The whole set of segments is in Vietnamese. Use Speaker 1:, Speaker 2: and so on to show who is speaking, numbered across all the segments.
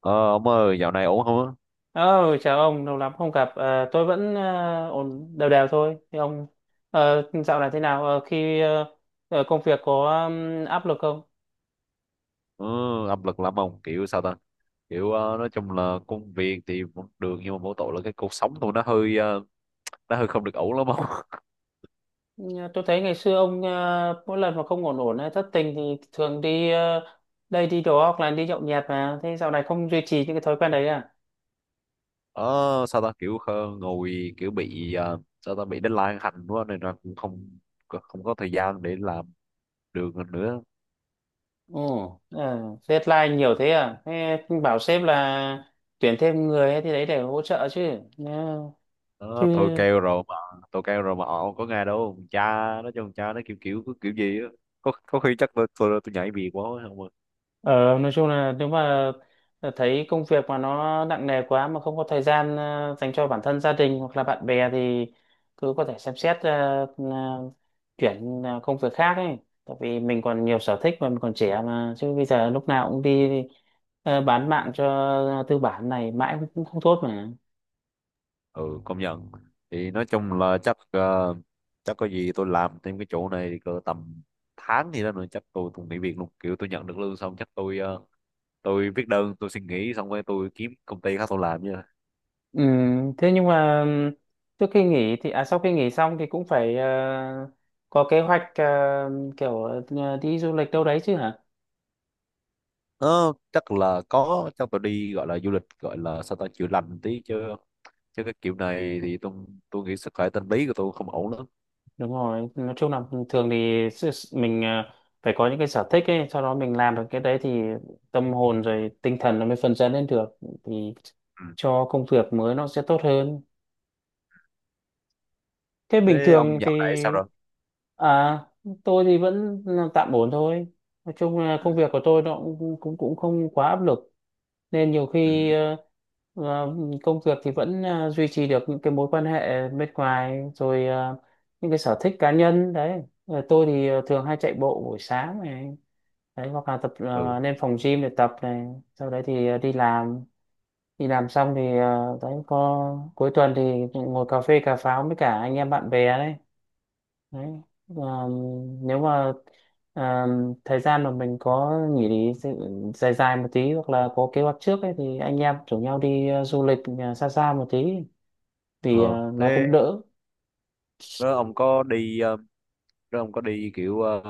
Speaker 1: Ờ, ông ơi, dạo này ổn không á?
Speaker 2: Ờ, Chào ông, lâu lắm không gặp. Ờ, tôi vẫn ổn đều đều thôi. Thì ông dạo này thế nào? Công việc có áp lực không?
Speaker 1: Ừ, áp lực lắm ông, kiểu sao ta? Kiểu nói chung là công việc thì vẫn được, nhưng mà mỗi tội là cái cuộc sống của nó hơi nó hơi không được ổn lắm ông.
Speaker 2: Ờ, Tôi thấy ngày xưa ông mỗi lần mà không ổn ổn hay thất tình thì thường đi đây đi đó hoặc là đi nhậu nhẹt mà. Thế dạo này không duy trì những cái thói quen đấy à?
Speaker 1: Ờ, Sao ta, kiểu ngồi kiểu bị sao ta, bị deadline hành quá nên là cũng không không có thời gian để làm được nữa.
Speaker 2: Ồ, Ờ, Deadline nhiều thế à? Thế bảo sếp là tuyển thêm người thì đấy để hỗ trợ chứ. Ờ, chứ
Speaker 1: Ờ, tôi kêu rồi mà họ không có nghe đâu. Cha nó cho cha nó kiểu kiểu kiểu gì á. Có khi chắc tôi nhảy việc quá không ạ?
Speaker 2: Ờ, nói chung là nếu mà thấy công việc mà nó nặng nề quá mà không có thời gian dành cho bản thân gia đình hoặc là bạn bè thì cứ có thể xem xét ờ, chuyển công việc khác ấy. Tại vì mình còn nhiều sở thích mà mình còn trẻ mà chứ bây giờ lúc nào cũng đi bán mạng cho tư bản này mãi cũng không tốt mà.
Speaker 1: Ừ, công nhận. Thì nói chung là chắc chắc có gì tôi làm thêm cái chỗ này cỡ tầm tháng gì đó nữa, chắc tôi cũng nghỉ việc luôn. Kiểu tôi nhận được lương xong chắc tôi tôi viết đơn, tôi xin nghỉ, xong rồi tôi kiếm công ty khác tôi làm nha.
Speaker 2: Ừ, thế nhưng mà trước khi nghỉ thì à sau khi nghỉ xong thì cũng phải có kế hoạch kiểu đi du lịch đâu đấy chứ hả?
Speaker 1: Ờ, chắc là có. Chắc tôi đi, gọi là du lịch, gọi là sao ta, chữa lành tí. Chứ chứ cái kiểu này thì tôi nghĩ sức khỏe tâm lý của tôi không ổn lắm.
Speaker 2: Đúng rồi, nói chung là thường thì mình à, phải có những cái sở thích ấy, sau đó mình làm được cái đấy thì tâm hồn rồi tinh thần nó mới phấn chấn lên được, thì
Speaker 1: Ừ.
Speaker 2: cho công việc mới nó sẽ tốt hơn. Thế bình
Speaker 1: Thế ông
Speaker 2: thường thì
Speaker 1: dạo này sao rồi?
Speaker 2: à tôi thì vẫn là tạm ổn thôi, nói chung là công
Speaker 1: Ừ.
Speaker 2: việc của tôi nó cũng cũng cũng không quá áp lực, nên nhiều
Speaker 1: Ừ.
Speaker 2: khi ờ, công việc thì vẫn duy trì được những cái mối quan hệ bên ngoài rồi những cái sở thích cá nhân đấy. Ờ, tôi thì thường hay chạy bộ buổi sáng này đấy, hoặc là tập
Speaker 1: Ừ.
Speaker 2: lên phòng gym để tập này, sau đấy thì đi làm. Đi làm xong thì đấy có, cuối tuần thì ngồi cà phê cà pháo với cả anh em bạn bè đấy đấy. Ờ, Nếu mà ờ, thời gian mà mình có nghỉ dài dài một tí hoặc là có kế hoạch trước ấy, thì anh em rủ nhau đi du lịch xa xa một tí thì
Speaker 1: Ờ,
Speaker 2: nó
Speaker 1: thế
Speaker 2: cũng đỡ.
Speaker 1: đó, ông có đi nếu ông có đi kiểu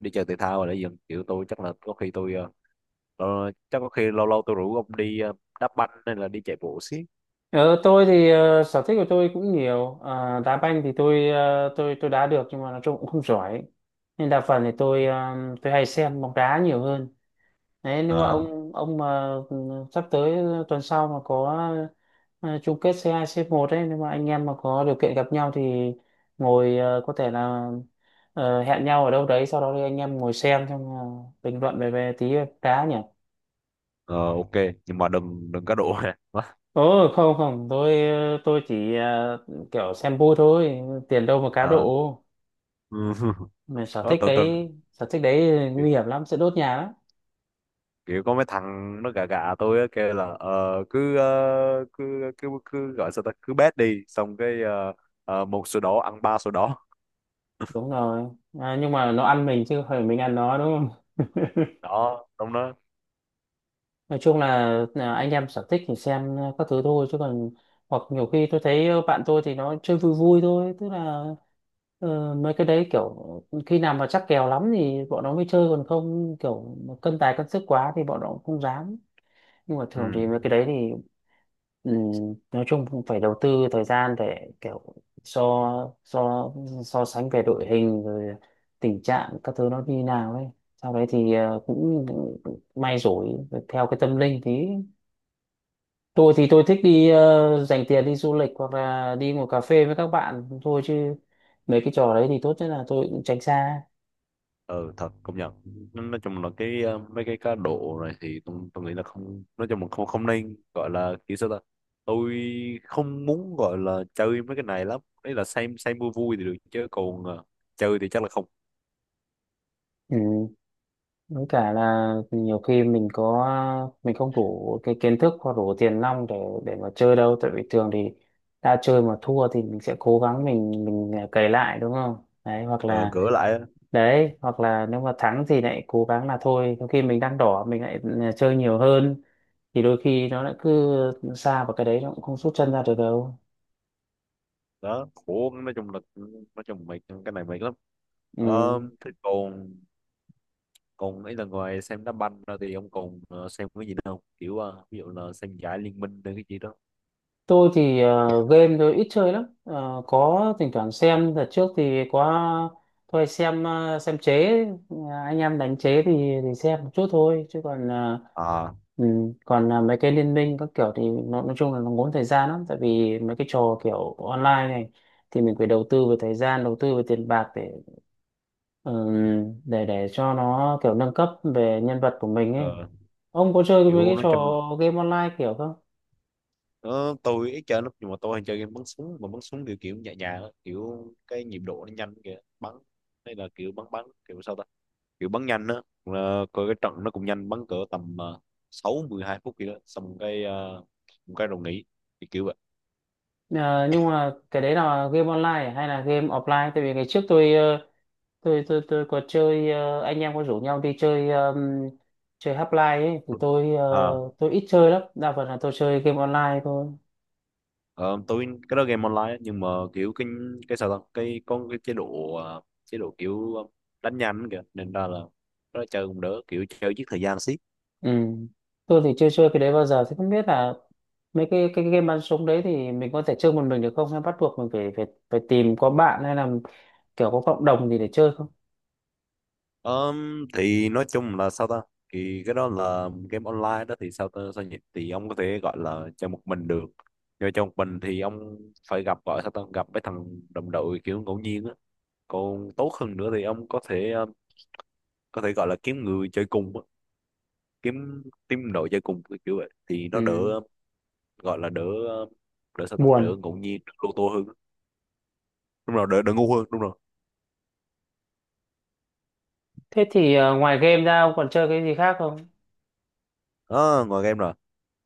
Speaker 1: đi chơi thể thao hay là gì không? Kiểu tôi chắc là có khi tôi chắc có khi lâu lâu tôi rủ ông đi đá banh hay là đi chạy bộ xí.
Speaker 2: Ờ, tôi thì sở thích của tôi cũng nhiều. Ờ, Đá banh thì tôi tôi đá được nhưng mà nói chung cũng không giỏi, nên đa phần thì tôi tôi hay xem bóng đá nhiều hơn. Đấy, nếu mà
Speaker 1: Ờ.
Speaker 2: ông mà sắp tới tuần sau mà có chung kết c hai c một ấy, nếu mà anh em mà có điều kiện gặp nhau thì ngồi có thể là hẹn nhau ở đâu đấy, sau đó thì anh em ngồi xem xong là bình luận về về tí, cá nhỉ.
Speaker 1: Ờ, ok, nhưng mà đừng đừng cá độ ha. Quá.
Speaker 2: Ồ không không, tôi chỉ kiểu xem vui thôi, tiền đâu mà cá
Speaker 1: Ờ,
Speaker 2: độ.
Speaker 1: ừ.
Speaker 2: Mà
Speaker 1: Đó tôi
Speaker 2: sở thích đấy
Speaker 1: kiểu,
Speaker 2: nguy hiểm lắm, sẽ đốt nhà lắm.
Speaker 1: kiểu có mấy thằng nó gà gà tôi á, kêu là cứ, cứ gọi sao ta, cứ bet đi. Xong cái một sổ đỏ ăn ba sổ đỏ.
Speaker 2: Đúng rồi. À, nhưng mà nó ăn mình chứ không phải mình ăn nó đúng.
Speaker 1: Đó đúng đó.
Speaker 2: Nói chung là anh em sở thích thì xem các thứ thôi chứ còn, hoặc nhiều khi tôi thấy bạn tôi thì nó chơi vui vui thôi, tức là mấy cái đấy kiểu khi nào mà chắc kèo lắm thì bọn nó mới chơi, còn không kiểu mà cân tài cân sức quá thì bọn nó cũng không dám. Nhưng mà
Speaker 1: Ừ.
Speaker 2: thường thì mấy cái đấy thì, ừ, nói chung cũng phải đầu tư thời gian để kiểu so so so sánh về đội hình rồi tình trạng các thứ nó như nào ấy, sau đấy thì cũng may rủi theo cái tâm linh tí. Tôi thì tôi thích đi dành tiền đi du lịch hoặc là đi ngồi cà phê với các bạn thôi, chứ mấy cái trò đấy thì tốt nhất là tôi cũng tránh xa.
Speaker 1: Ờ, thật công nhận. Nói chung là cái mấy cái cá độ này thì tôi nghĩ là không. Nói chung là không không nên, gọi là kiểu sao ta, tôi không muốn gọi là chơi mấy cái này lắm. Đấy là xem vui vui thì được, chứ còn chơi thì chắc là không.
Speaker 2: Ừ. Với cả là nhiều khi mình có, mình không đủ cái kiến thức hoặc đủ tiền nong để mà chơi đâu, tại vì thường thì đã chơi mà thua thì mình sẽ cố gắng mình à, cày lại đúng không, đấy hoặc
Speaker 1: Ờ,
Speaker 2: là,
Speaker 1: cửa lại á.
Speaker 2: đấy hoặc là nếu mà thắng thì lại cố gắng là thôi có khi mình đang đỏ mình lại à, chơi nhiều hơn, thì đôi khi nó lại cứ xa vào cái đấy nó cũng không rút chân ra được đâu.
Speaker 1: Đó khổ, nói chung là nói chung mệt. Cái này mệt lắm.
Speaker 2: Ừ.
Speaker 1: Ờ, thế còn còn ấy là ngoài xem đá banh ra thì ông còn xem cái gì nữa không? Kiểu ví dụ là xem giải liên minh hay cái gì đó.
Speaker 2: Tôi thì game tôi ít chơi lắm. Ờ, có thỉnh thoảng xem, đợt trước thì có tôi hay xem xem chế. Ờ, anh em đánh chế thì xem một chút thôi chứ còn
Speaker 1: À.
Speaker 2: ừ, còn mấy cái liên minh các kiểu thì nó nói chung là nó ngốn thời gian lắm, tại vì mấy cái trò kiểu online này thì mình phải đầu tư về thời gian, đầu tư về tiền bạc để ừ, để cho nó kiểu nâng cấp về nhân vật của mình ấy.
Speaker 1: Ờ,
Speaker 2: Ông có chơi mấy
Speaker 1: kiểu
Speaker 2: cái
Speaker 1: nói
Speaker 2: trò
Speaker 1: chung.
Speaker 2: game online kiểu không?
Speaker 1: Ờ, tôi ít chơi lắm, nhưng mà tôi hay chơi game bắn súng. Mà bắn súng kiểu kiểu nhẹ nhàng á, kiểu cái nhịp độ nó nhanh kìa, bắn. Hay là kiểu bắn bắn kiểu sao ta, kiểu bắn nhanh á. Ờ, coi cái trận nó cũng nhanh. Bắn cỡ tầm sáu mười hai phút kìa, đó xong cái một cái rồi nghỉ. Thì kiểu vậy.
Speaker 2: Ờ, nhưng mà cái đấy là game online à, hay là game offline? Tại vì ngày trước tôi tôi có chơi anh em có rủ nhau đi chơi, chơi Half-Life ấy, thì tôi
Speaker 1: À.
Speaker 2: tôi ít chơi lắm, đa phần là tôi chơi game online thôi.
Speaker 1: Ờ, tôi cái đó game online á, nhưng mà kiểu cái sao ta, cái có cái chế độ chế độ kiểu đánh nhanh kìa, nên ra là nó chơi cũng đỡ, kiểu chơi giết thời gian xí.
Speaker 2: Ừ. Tôi thì chưa chơi cái đấy bao giờ thì không biết là mấy cái game bắn súng đấy thì mình có thể chơi một mình được không, hay bắt buộc mình phải phải phải tìm có bạn hay là kiểu có cộng đồng gì để chơi không?
Speaker 1: Thì nói chung là sao ta, thì cái đó là game online đó. Thì sao ta, sao nhỉ, thì ông có thể gọi là chơi một mình được. Nhưng chơi một mình thì ông phải gặp, gọi sao ta, gặp mấy thằng đồng đội kiểu ngẫu nhiên á. Còn tốt hơn nữa thì ông có thể có thể gọi là kiếm người chơi cùng á. kiếm team đội chơi cùng kiểu kiểu vậy thì nó đỡ
Speaker 2: Ừ.
Speaker 1: gọi là đỡ ờ, đỡ sao ta, đỡ
Speaker 2: Buồn.
Speaker 1: ngẫu nhiên, đỡ lô tô hơn. Đúng rồi, đỡ đỡ ngu hơn, đúng rồi.
Speaker 2: Thế thì ngoài game ra ông còn chơi cái gì khác không?
Speaker 1: Đó ngoài game rồi.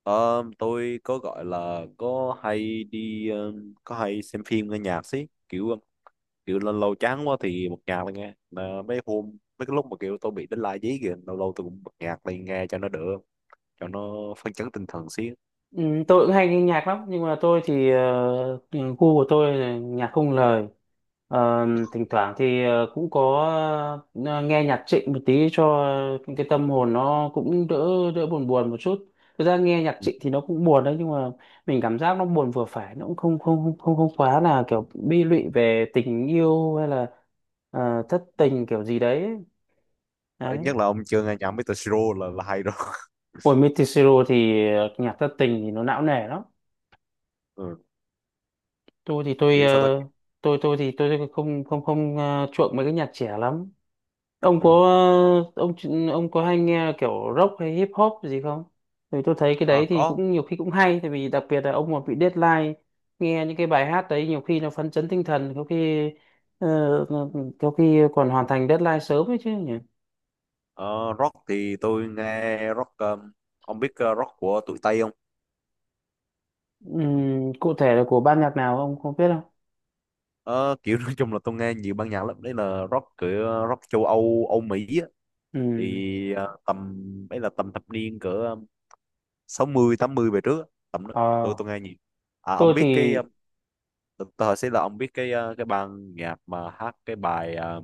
Speaker 1: Ờ, tôi có gọi là có hay đi có hay xem phim, nghe nhạc xí. Kiểu kiểu lâu lâu chán quá thì bật nhạc lên nghe. Mà mấy hôm, mấy cái lúc mà kiểu tôi bị đánh lai dí kìa, lâu lâu tôi cũng bật nhạc lên nghe cho nó đỡ, cho nó phấn chấn tinh thần xí.
Speaker 2: Ừ, tôi cũng hay nghe nhạc lắm, nhưng mà tôi thì gu của tôi là nhạc không lời. Ờ, Thỉnh thoảng thì cũng có ờ, nghe nhạc Trịnh một tí cho cái tâm hồn nó cũng đỡ, đỡ buồn buồn một chút. Thực ra nghe nhạc
Speaker 1: Ừ.
Speaker 2: Trịnh thì nó cũng buồn đấy, nhưng mà mình cảm giác nó buồn vừa phải, nó cũng không không không không, không quá là kiểu bi lụy về tình yêu hay là thất tình kiểu gì đấy
Speaker 1: Ờ,
Speaker 2: đấy.
Speaker 1: nhất là ông chưa nghe nhạc Mr. Siro là hay rồi.
Speaker 2: Của Mitisuo thì nhạc thất tình thì nó não nề lắm.
Speaker 1: Ừ.
Speaker 2: Tôi thì tôi
Speaker 1: Kiểu sao ta.
Speaker 2: tôi thì tôi không không không chuộng mấy cái nhạc trẻ lắm. ông có
Speaker 1: Ừ.
Speaker 2: ờ, ông ông có hay nghe kiểu rock hay hip hop gì không? Vì tôi thấy cái
Speaker 1: Ờ,
Speaker 2: đấy thì
Speaker 1: có.
Speaker 2: cũng nhiều khi cũng hay, tại vì đặc biệt là ông mà bị deadline nghe những cái bài hát đấy nhiều khi nó phấn chấn tinh thần, có khi ờ, có khi còn hoàn thành deadline sớm ấy chứ nhỉ.
Speaker 1: Ờ, rock thì tôi nghe rock. Ờ, ông biết rock của tụi Tây không?
Speaker 2: Cụ thể là của ban nhạc nào ông không biết không?
Speaker 1: Ờ, kiểu nói chung là tôi nghe nhiều ban nhạc lắm. Đấy là rock, cửa rock châu Âu, Âu Mỹ á.
Speaker 2: Ừm.
Speaker 1: Thì tầm, ấy là tầm thập niên cỡ sáu mươi tám mươi về trước á. Tầm đó
Speaker 2: Ờ,
Speaker 1: tôi nghe nhiều. À ông
Speaker 2: tôi thì
Speaker 1: biết cái ờ, tôi hỏi sẽ là ông biết cái cái ban nhạc mà hát cái bài ờ,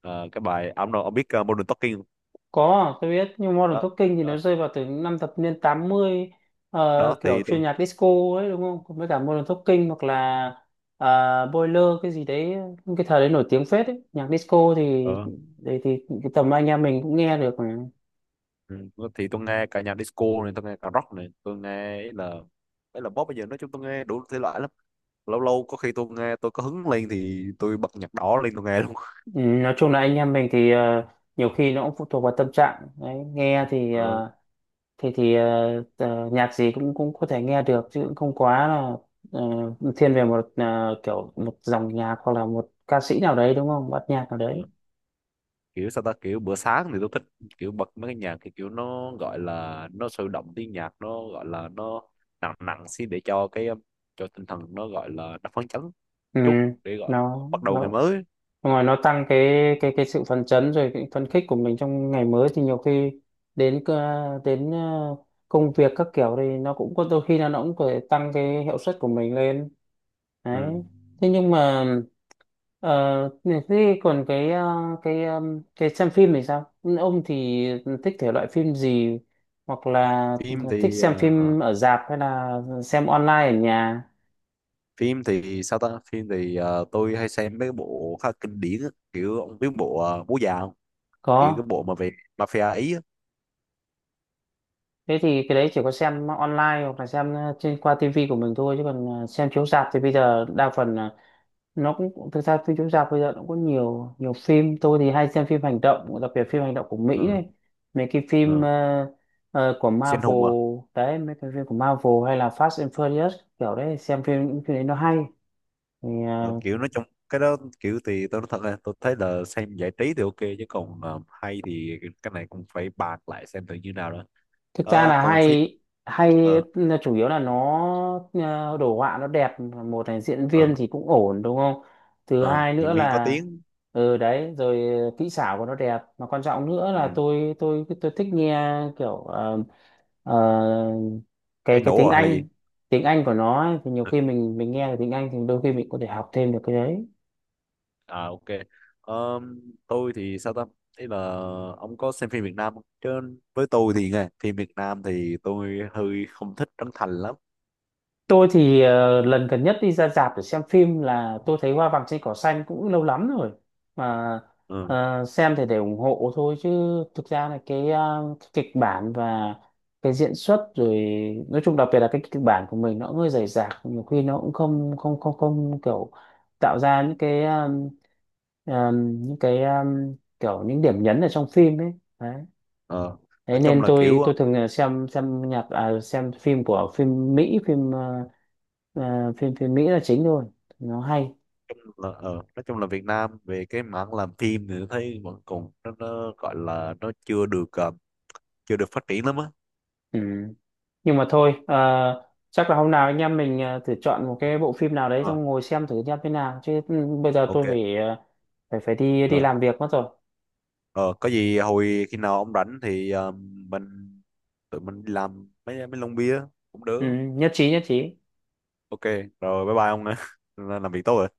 Speaker 1: ờ, cái bài, à ông, ông biết Modern Talking không?
Speaker 2: có, tôi biết, nhưng Modern
Speaker 1: Đó
Speaker 2: Talking thì nó
Speaker 1: đó
Speaker 2: rơi vào từ những năm thập niên 80,
Speaker 1: đó.
Speaker 2: kiểu
Speaker 1: Thì tôi
Speaker 2: chuyên nhạc disco ấy đúng không? Còn với cả Modern Talking hoặc là ờ, Boiler cái gì đấy, những cái thời đấy nổi tiếng phết ấy. Nhạc disco thì
Speaker 1: ờ,
Speaker 2: đấy thì cái tầm anh em mình cũng nghe được mà.
Speaker 1: ừ, thì tôi nghe cả nhạc disco này, tôi nghe cả rock này, tôi nghe, ấy là pop. Bây giờ nói chung tôi nghe đủ thể loại lắm. Lâu lâu có khi tôi nghe, tôi có hứng lên thì tôi bật nhạc đỏ lên tôi nghe luôn.
Speaker 2: Ừ, nói chung là anh em mình thì nhiều khi nó cũng phụ thuộc vào tâm trạng đấy, nghe thì
Speaker 1: Ừ.
Speaker 2: nhạc gì cũng cũng có thể nghe được chứ cũng không quá là ờ, thiên về một kiểu một dòng nhạc hoặc là một ca sĩ nào đấy đúng không, bắt nhạc nào
Speaker 1: Ừ.
Speaker 2: đấy.
Speaker 1: Kiểu sao ta, kiểu bữa sáng thì tôi thích, kiểu bật mấy cái nhạc thì kiểu nó gọi là nó sôi động, tiếng nhạc nó gọi là nó nặng nặng xin, để cho cái cho tinh thần nó gọi là nó phấn chấn
Speaker 2: Ừ,
Speaker 1: chút để gọi bắt đầu ngày
Speaker 2: nó
Speaker 1: mới.
Speaker 2: ngoài nó tăng cái cái sự phấn chấn rồi cái phấn khích của mình trong ngày mới, thì nhiều khi đến đến công việc các kiểu thì nó cũng có đôi khi là nó cũng có thể tăng cái hiệu suất của mình lên đấy.
Speaker 1: Ừ.
Speaker 2: Thế nhưng mà ờ, thế còn cái cái xem phim thì sao? Ông thì thích thể loại phim gì, hoặc là
Speaker 1: Phim
Speaker 2: thích
Speaker 1: thì
Speaker 2: xem phim ở rạp hay là xem online ở nhà?
Speaker 1: phim thì sao ta, phim thì tôi hay xem mấy cái bộ khá kinh điển á. Kiểu ông biết bộ bố già không? Kiểu cái
Speaker 2: Có,
Speaker 1: bộ mà về mafia ý á.
Speaker 2: thế thì cái đấy chỉ có xem online hoặc là xem trên qua tivi của mình thôi, chứ còn xem chiếu rạp thì bây giờ đa phần nó cũng, thực ra phim chiếu rạp bây giờ nó cũng có nhiều, nhiều phim tôi thì hay xem phim hành động, đặc biệt phim hành động của Mỹ
Speaker 1: Ừ.
Speaker 2: đấy, mấy cái phim
Speaker 1: Ừ.
Speaker 2: của
Speaker 1: Siêu
Speaker 2: Marvel
Speaker 1: hùng à.
Speaker 2: đấy, mấy cái phim của Marvel hay là Fast and Furious kiểu đấy, xem phim những phim đấy nó hay, thì
Speaker 1: Ờ, kiểu nói trong cái đó, kiểu thì tôi nói thật là tôi thấy là xem giải trí thì ok, chứ còn hay thì cái này cũng phải bàn lại xem thử như nào đó.
Speaker 2: thực ra
Speaker 1: Ờ,
Speaker 2: là
Speaker 1: còn phim.
Speaker 2: hay. Hay
Speaker 1: Ờ.
Speaker 2: là chủ yếu là nó đồ họa nó đẹp một, là diễn
Speaker 1: Ờ.
Speaker 2: viên thì cũng ổn đúng không, thứ
Speaker 1: Ờ,
Speaker 2: hai nữa
Speaker 1: diễn viên có
Speaker 2: là,
Speaker 1: tiếng.
Speaker 2: ừ đấy rồi kỹ xảo của nó đẹp, mà quan trọng nữa
Speaker 1: Ừ.
Speaker 2: là tôi tôi thích nghe kiểu ờ,
Speaker 1: Cháy
Speaker 2: cái
Speaker 1: nổ
Speaker 2: tiếng
Speaker 1: rồi hay là gì.
Speaker 2: Anh, tiếng Anh của nó ấy, thì nhiều
Speaker 1: Ừ,
Speaker 2: khi mình nghe được tiếng Anh thì đôi khi mình có thể học thêm được cái đấy.
Speaker 1: à ok. Ờ, tôi thì sao ta, ý là ông có xem phim Việt Nam không chứ? Với tôi thì nghe phim Việt Nam thì tôi hơi không thích Trấn Thành lắm.
Speaker 2: Tôi thì lần gần nhất đi ra rạp để xem phim là tôi thấy Hoa Vàng Trên Cỏ Xanh, cũng lâu lắm rồi mà.
Speaker 1: Ừ.
Speaker 2: Xem thì để ủng hộ thôi, chứ thực ra là cái, cái kịch bản và cái diễn xuất rồi, nói chung đặc biệt là cái kịch bản của mình nó cũng hơi rời rạc, nhiều khi nó cũng không không không không kiểu tạo ra những cái những cái kiểu những điểm nhấn ở trong phim ấy.
Speaker 1: Ờ.
Speaker 2: Đấy
Speaker 1: Nói chung
Speaker 2: nên
Speaker 1: là
Speaker 2: tôi tôi thường là xem nhạc à, xem phim của phim Mỹ, phim phim phim Mỹ là chính thôi, nó hay.
Speaker 1: ờ, nói chung là Việt Nam về cái mảng làm phim thì tôi thấy vẫn còn nó gọi là nó chưa được chưa được phát triển lắm á.
Speaker 2: Ừ. Nhưng mà thôi chắc là hôm nào anh em mình thử chọn một cái bộ phim nào đấy
Speaker 1: Ờ,
Speaker 2: xong ngồi xem thử nhá thế nào, chứ ừ, bây giờ tôi
Speaker 1: ok.
Speaker 2: phải phải phải đi đi
Speaker 1: Ờ,
Speaker 2: làm việc mất rồi.
Speaker 1: ờ, có gì hồi khi nào ông rảnh thì ờ, mình tụi mình đi làm mấy mấy lon bia cũng
Speaker 2: Ừ,
Speaker 1: được.
Speaker 2: nhất trí nhất trí.
Speaker 1: Ok rồi, bye bye ông ạ. Làm việc tốt rồi.